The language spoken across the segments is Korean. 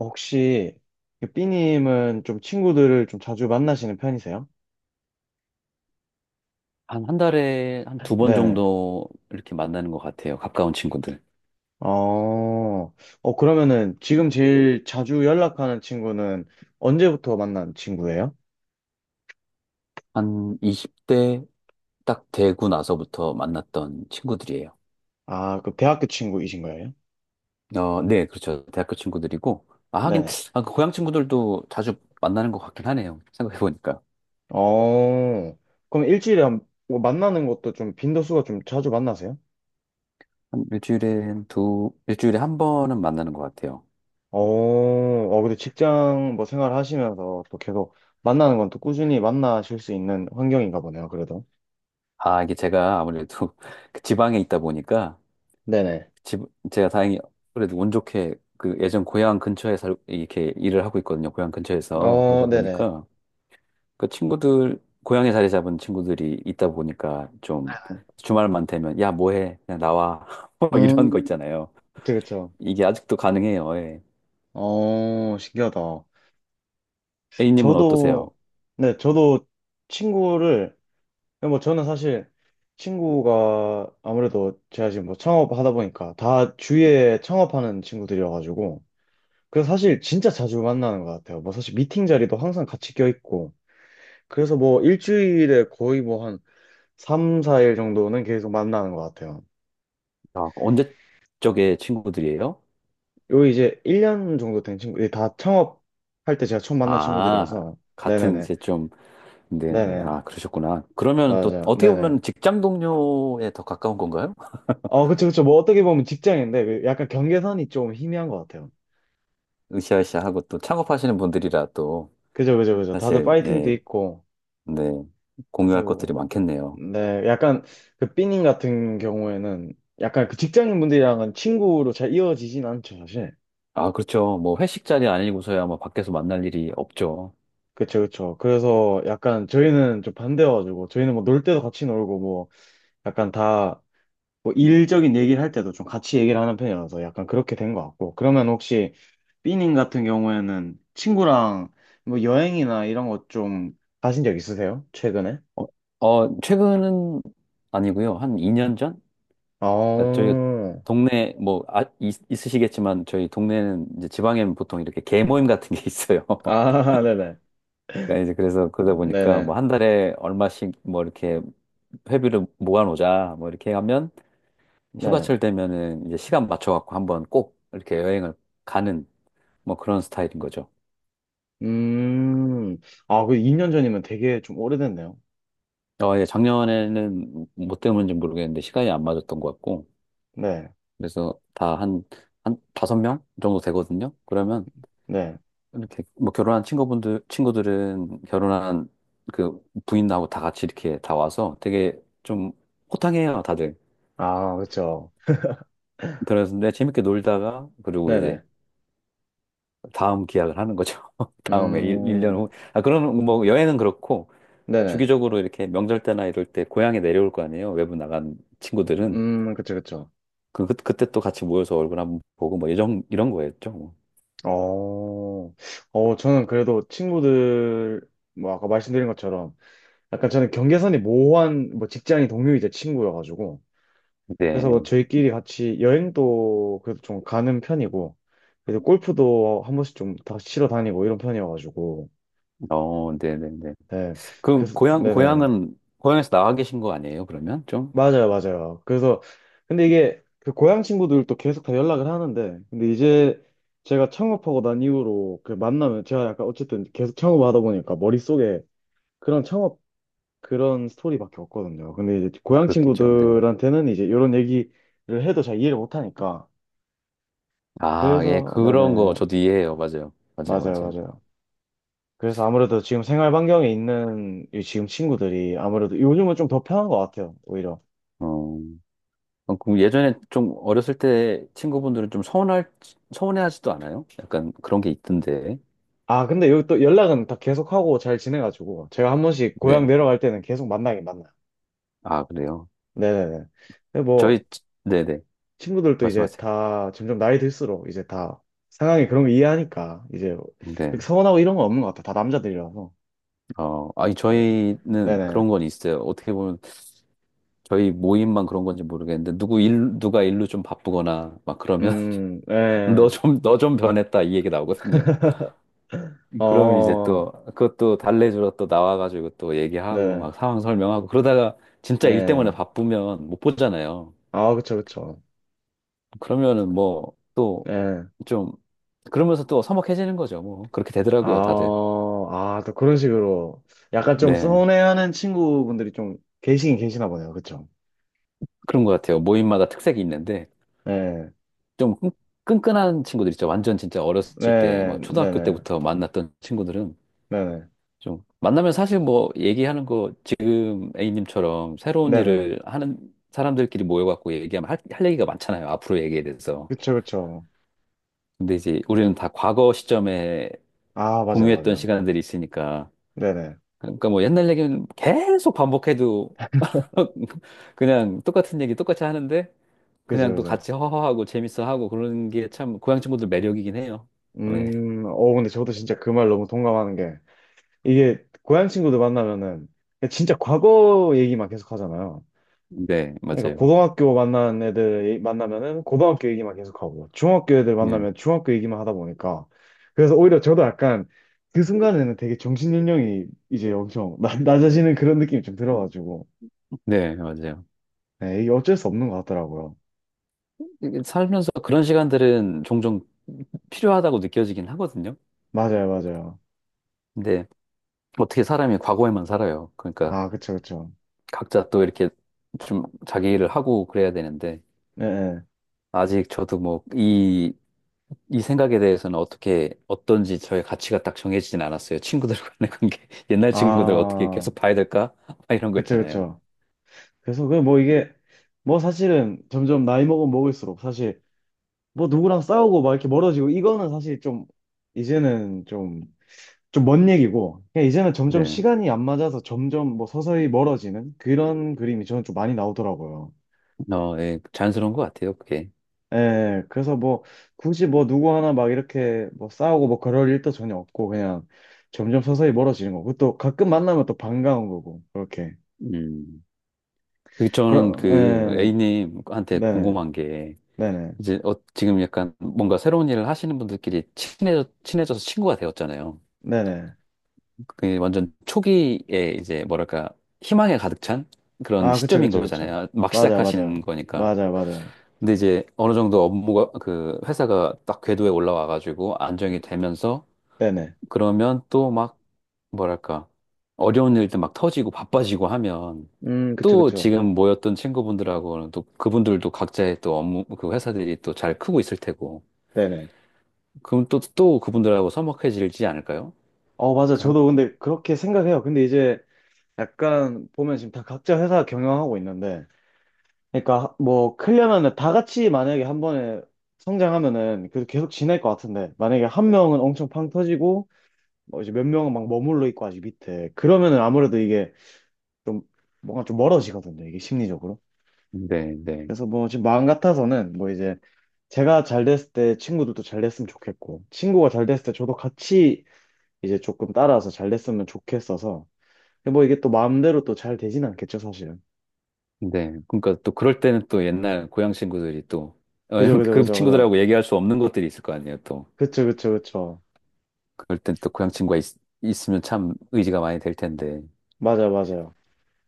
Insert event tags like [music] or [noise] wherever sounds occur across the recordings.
혹시 그 B님은 좀 친구들을 좀 자주 만나시는 편이세요? 한 달에 한 두 번 네네. 정도 이렇게 만나는 것 같아요. 가까운 친구들. 어, 그러면은 지금 제일 자주 연락하는 친구는 언제부터 만난 친구예요? 한 20대 딱 되고 나서부터 만났던 친구들이에요. 아, 그 대학교 친구이신 거예요? 어, 네, 그렇죠. 대학교 친구들이고. 아, 하긴, 네네. 아, 그 고향 친구들도 자주 만나는 것 같긴 하네요. 생각해보니까. 어, 그럼 일주일에 뭐 만나는 것도 좀 빈도수가 좀 자주 만나세요? 일주일에 한 번은 만나는 것 같아요. 근데 직장 뭐 생활 하시면서 또 계속 만나는 건 또 꾸준히 만나실 수 있는 환경인가 보네요, 그래도. 아, 이게 제가 아무래도 [laughs] 그 지방에 있다 보니까, 네네. 집, 제가 다행히 그래도 운 좋게 그 예전 고향 근처에 이렇게 일을 하고 있거든요. 고향 근처에서. 어, 그러다 네네. 보니까 그 친구들, 고향에 자리 잡은 친구들이 있다 보니까 좀 주말만 되면, 야, 뭐 해? 그냥 나와. [laughs] 뭐 이런 거 음. 있잖아요. 그쵸, 그쵸. 이게 아직도 가능해요. 예. 어, 신기하다. A님은 어떠세요? 저도, 네, 저도 친구를, 뭐 저는 사실 친구가 아무래도 제가 지금 뭐 창업하다 보니까 다 주위에 창업하는 친구들이어가지고, 그래서 사실 진짜 자주 만나는 것 같아요. 뭐 사실 미팅 자리도 항상 같이 껴있고, 그래서 뭐 일주일에 거의 뭐 한 3, 4일 정도는 계속 만나는 것 같아요. 아, 언제 쪽에 친구들이에요? 요 이제 1년 정도 된 친구, 이다 창업할 때 제가 처음 만난 아, 친구들이어서, 같은 네네네. 이제 좀, 네네. 네네. 아, 그러셨구나. 그러면 또 맞아. 어떻게 네네. 보면 직장 동료에 더 가까운 건가요? 그쵸, 그쵸. 뭐, 어떻게 보면 직장인데, 그 약간 경계선이 좀 희미한 것 같아요. 으쌰으쌰하고 또 창업하시는 분들이라 또 그죠, 그죠, 그죠. 다들 사실, 파이팅도 네, 있고. 네. 그래서, 공유할 것들이 뭐, 많겠네요. 네. 약간, 그, 삐님 같은 경우에는, 약간 그 직장인분들이랑은 친구로 잘 이어지진 않죠, 사실. 아, 그렇죠. 뭐 회식 자리 아니고서야 뭐 밖에서 만날 일이 없죠. 그쵸, 그쵸. 그래서 약간 저희는 좀 반대여가지고, 저희는 뭐, 놀 때도 같이 놀고, 뭐, 약간 다, 뭐 일적인 얘기를 할 때도 좀 같이 얘기를 하는 편이라서 약간 그렇게 된 것 같고. 그러면 혹시 삐님 같은 경우에는 친구랑 뭐 여행이나 이런 거 좀 가신 적 있으세요? 최근에? 어, 어, 최근은 아니고요. 한 2년 전? 그러니까 저희 어, 동네 뭐 아, 있으시겠지만 저희 동네는 이제 지방에는 보통 이렇게 개 모임 같은 게 [laughs] 있어요. 아, [laughs] 네네. 그러니까 이제 그래서 그러다 보니까 네네. 뭐 한 달에 얼마씩 뭐 이렇게 회비를 모아놓자 뭐 이렇게 하면 네네. 휴가철 되면은 이제 시간 맞춰 갖고 한번 꼭 이렇게 여행을 가는 뭐 그런 스타일인 거죠. 음, 아, 그 2년 전이면 되게 좀 오래됐네요. 어, 예, 작년에는 뭐 때문인지 모르겠는데 시간이 안 맞았던 것 같고, 네, 그래서 다 한, 한 다섯 명 정도 되거든요. 그러면 네. 이렇게 뭐 결혼한 친구분들, 친구들은 결혼한 그 부인하고 다 같이 이렇게 다 와서 되게 좀 호탕해요, 다들. 아, 그쵸. 그래서 근데 재밌게 놀다가, 그리고 네네. 이제 다음 기약을 하는 거죠. [laughs] 다음에 일년 음, 후. 아, 그런 뭐 여행은 그렇고, 네네. 주기적으로 이렇게 명절 때나 이럴 때 고향에 내려올 거 아니에요. 외부 나간 친구들은. 그쵸, 그쵸. 그때 또 같이 모여서 얼굴 한번 보고 뭐 이런 거였죠. 뭐. 어, 저는 그래도 친구들, 뭐, 아까 말씀드린 것처럼, 약간 저는 경계선이 모호한, 뭐, 직장이 동료이자 친구여가지고, 그래서 뭐 네. 저희끼리 같이 여행도 그래도 좀 가는 편이고, 그래서 골프도 한 번씩 좀 다 치러 다니고 이런 편이어가지고, 어, 네네네. 네. 그, 그래서, 고향, 네네. 고향은, 고향에서 나와 계신 거 아니에요, 그러면? 좀? 맞아요, 맞아요. 그래서, 근데 이게, 그 고향 친구들도 계속 다 연락을 하는데, 근데 이제, 제가 창업하고 난 이후로 그 만나면 제가 약간 어쨌든 계속 창업하다 보니까 머릿속에 그런 창업 그런 스토리밖에 없거든요. 근데 이제 고향 그렇겠죠, 네. 친구들한테는 이제 이런 얘기를 해도 잘 이해를 못 하니까. 아, 예, 그래서 네네 그런 거 저도 이해해요. 맞아요. 맞아요, 맞아요 맞아요. 맞아요. 그래서 아무래도 지금 생활 반경에 있는 이 지금 친구들이 아무래도 요즘은 좀 더 편한 것 같아요 오히려. 어, 어, 그럼 예전에 좀 어렸을 때 친구분들은 좀 서운해하지도 않아요? 약간 그런 게 있던데. 아 근데 여기 또 연락은 다 계속 하고 잘 지내가지고 제가 한 번씩 고향 네. 내려갈 때는 계속 만나긴 만나요. 아, 그래요. 네네네. 근데 뭐 네네. 친구들도 이제 말씀하세요. 다 점점 나이 들수록 이제 다 상황이 그런 거 이해하니까 이제 네. 그렇게 서운하고 이런 건 없는 것 같아. 다 남자들이라서. 어, 아니, 네. 저희는 네네. 그런 건 있어요. 어떻게 보면 저희 모임만 그런 건지 모르겠는데 누구 일 누가 일로 좀 바쁘거나 막 그러면 [laughs] 네. 너 좀 변했다 이 얘기 나오거든요. 그럼 이제 어, 또 그것도 달래주러 또 나와가지고 또 얘기하고 네네. 막 상황 설명하고 그러다가 진짜 일 때문에 네. 바쁘면 못 보잖아요. 아, 그쵸, 그쵸. 그러면은 뭐 또 네. 좀 그러면서 또 서먹해지는 거죠. 뭐 그렇게 아, 되더라고요, 다들. 또 그런 식으로 약간 좀 네, 서운해하는 친구분들이 좀 계시긴 계시나 보네요. 그쵸? 그런 것 같아요. 모임마다 특색이 있는데 네. 좀 끈끈한 친구들 있죠. 완전 진짜 어렸을 때 네, 뭐 초등학교 네네. 때부터 만났던 친구들은 네네. 좀 만나면 사실 뭐 얘기하는 거 지금 A님처럼 새로운 네네. 일을 하는 사람들끼리 모여갖고 얘기하면 할 얘기가 많잖아요. 앞으로 얘기에 대해서. 그쵸, 그쵸. 근데 이제 우리는 다 과거 시점에 아, 맞아요, 공유했던 맞아요. 시간들이 있으니까. 네네. 그러니까 뭐 옛날 얘기는 계속 반복해도 [laughs] 그냥 똑같은 얘기 똑같이 하는데 그죠, 그냥 또 그죠. 같이 허허하고 재밌어 하고 그런 게 참 고향 친구들 매력이긴 해요. 네, 근데 저도 진짜 그 말 너무 동감하는 게, 이게, 고향 친구들 만나면은, 진짜 과거 얘기만 계속 하잖아요. 네, 그러니까, 맞아요. 고등학교 만난 애들 만나면은, 고등학교 얘기만 계속 하고, 중학교 애들 네, 만나면 중학교 얘기만 하다 보니까, 그래서 오히려 저도 약간, 그 순간에는 되게 정신연령이 이제 엄청 [laughs] 낮아지는 그런 느낌이 좀 들어가지고, 네, 맞아요. 네, 이게 어쩔 수 없는 것 같더라고요. 이게 살면서 그런 시간들은 종종 필요하다고 느껴지긴 하거든요. 맞아요, 맞아요. 근데 어떻게 사람이 과거에만 살아요. 그러니까 아, 그쵸, 그쵸. 각자 또 이렇게 좀 자기 일을 하고 그래야 되는데 네, 네. 아직 저도 뭐 이 생각에 대해서는 어떻게 어떤지 저의 가치가 딱 정해지진 않았어요. 친구들 간의 관계, [laughs] 옛날 친구들 어떻게 아, 계속 봐야 될까? [laughs] 막 이런 거 그쵸, 있잖아요. 그쵸. 그래서 그 뭐 이게 뭐 사실은 점점 나이 먹으면 먹을수록 사실 뭐 누구랑 싸우고 막 이렇게 멀어지고 이거는 사실 좀 이제는 좀 좀 먼 얘기고 그냥 이제는 점점 네, 시간이 안 맞아서 점점 뭐 서서히 멀어지는 그런 그림이 저는 좀 많이 나오더라고요. 어, 예, 자연스러운 것 같아요, 그게. 예, 그래서 뭐 굳이 뭐 누구 하나 막 이렇게 뭐 싸우고 뭐 그럴 일도 전혀 없고 그냥 점점 서서히 멀어지는 거고 또 가끔 만나면 또 반가운 거고 그렇게 음. 그 저는 그럼 그 예, A님한테 네네 궁금한 게 네네 이제 어, 지금 약간 뭔가 새로운 일을 하시는 분들끼리 친해져서 친구가 되었잖아요. 네네 그게 완전 초기에 이제 뭐랄까 희망에 가득 찬 그런 아, 그쵸, 시점인 그쵸, 그쵸. 거잖아요. 막 맞아요, 시작하시는 맞아요. 거니까. 맞아요, 맞아요. 근데 이제 어느 정도 업무가 그 회사가 딱 궤도에 올라와가지고 안정이 되면서 네네. 그러면 또 막 뭐랄까 어려운 일들 막 터지고 바빠지고 하면 그쵸, 또 그쵸. 지금 모였던 친구분들하고는 또 그분들도 각자의 또 업무 그 회사들이 또 잘 크고 있을 테고 네네. 그럼 또, 또 그분들하고 서먹해지지 않을까요? 어, 맞아. 약간? 저도 근데 그렇게 생각해요. 근데 이제 약간 보면 지금 다 각자 회사 경영하고 있는데, 그러니까 뭐 크려면은 다 같이 만약에 한 번에 성장하면은 그래도 계속 지낼 것 같은데, 만약에 한 명은 엄청 팡 터지고, 뭐 이제 몇 명은 막 머물러 있고 아직 밑에. 그러면은 아무래도 이게 좀 뭔가 좀 멀어지거든요. 이게 심리적으로. 네, 네, 그래서 뭐 지금 마음 같아서는 뭐 이제 제가 잘 됐을 때 친구들도 잘 됐으면 좋겠고 친구가 잘 됐을 때 저도 같이 이제 조금 따라서 잘 됐으면 좋겠어서 근데 뭐 이게 또 마음대로 또 잘 되진 않겠죠 사실은 네. 그러니까 또 그럴 때는 또 옛날 고향 친구들이 또, 어, 그죠 [laughs] 그죠 그 그죠 그죠 친구들하고 얘기할 수 없는 것들이 있을 거 아니에요, 또. 그쵸 그쵸 그쵸 그럴 땐 또 고향 친구가 있으면 참 의지가 많이 될 텐데. 맞아요 맞아요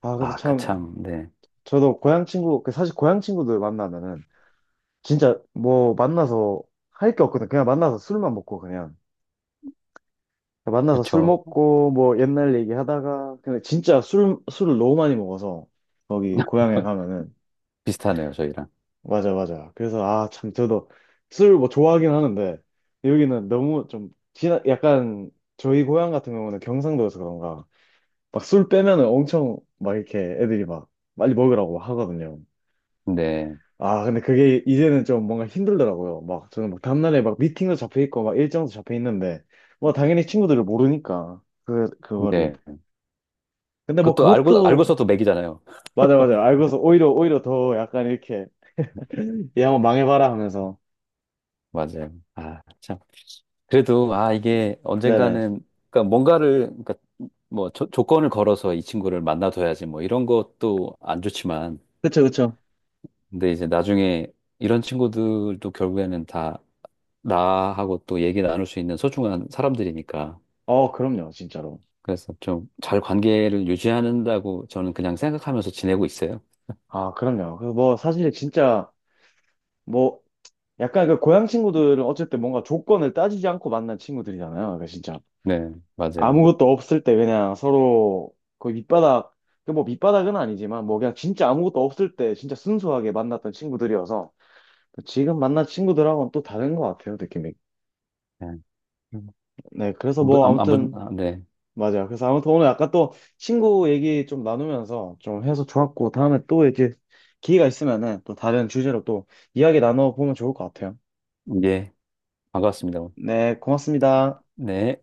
아 그래서 아, 그 참 참, 네. 저도 고향 친구 그 사실 고향 친구들 만나면은 진짜 뭐 만나서 할 게 없거든 그냥 만나서 술만 먹고 그냥 만나서 술 그렇죠. 먹고 뭐 옛날 얘기하다가 근데 진짜 술 술을 너무 많이 먹어서 거기 고향에 가면은 비슷하네요, 저희랑. 맞아 맞아 그래서 아 참 저도 술 뭐 좋아하긴 하는데 여기는 너무 좀 지나 약간 저희 고향 같은 경우는 경상도여서 그런가 막 술 빼면은 엄청 막 이렇게 애들이 막 빨리 먹으라고 하거든요 네, 아 근데 그게 이제는 좀 뭔가 힘들더라고요 막 저는 막 다음날에 막 미팅도 잡혀 있고 막 일정도 잡혀 있는데 뭐 당연히 친구들을 모르니까 그거를 네. 근데 뭐 그것도 그것도 알고서도 맥이잖아요. [laughs] 맞아 맞아 알고서 오히려 오히려 더 약간 이렇게 얘 한번 망해봐라 하면서 맞아요. 아, 참. 그래도 아 이게 네네 언젠가는 그러니까 뭔가를 그러니까 뭐 조건을 걸어서 이 친구를 만나둬야지 뭐 이런 것도 안 좋지만 그쵸 그쵸 근데 이제 나중에 이런 친구들도 결국에는 다 나하고 또 얘기 나눌 수 있는 소중한 사람들이니까 어 그럼요 진짜로 그래서 좀 잘 관계를 유지한다고 저는 그냥 생각하면서 지내고 있어요. 아 그럼요 그 뭐 사실 진짜 뭐 약간 그 고향 친구들은 어쨌든 뭔가 조건을 따지지 않고 만난 친구들이잖아요 그러니까 진짜 네, 맞아요. 아무것도 없을 때 그냥 서로 그 밑바닥 그 뭐 밑바닥은 아니지만 뭐 그냥 진짜 아무것도 없을 때 진짜 순수하게 만났던 친구들이어서 지금 만난 친구들하고는 또 다른 것 같아요 느낌이 네. 음. 네 그래서 안부, 뭐 안, 안부, 아무튼 아, 네. 맞아요. 그래서 아무튼 오늘 아까 또 친구 얘기 좀 나누면서 좀 해서 좋았고, 다음에 또 이렇게 기회가 있으면은 또 다른 주제로 또 이야기 나눠보면 좋을 것 같아요. 예, 반갑습니다. 네, 고맙습니다. 네.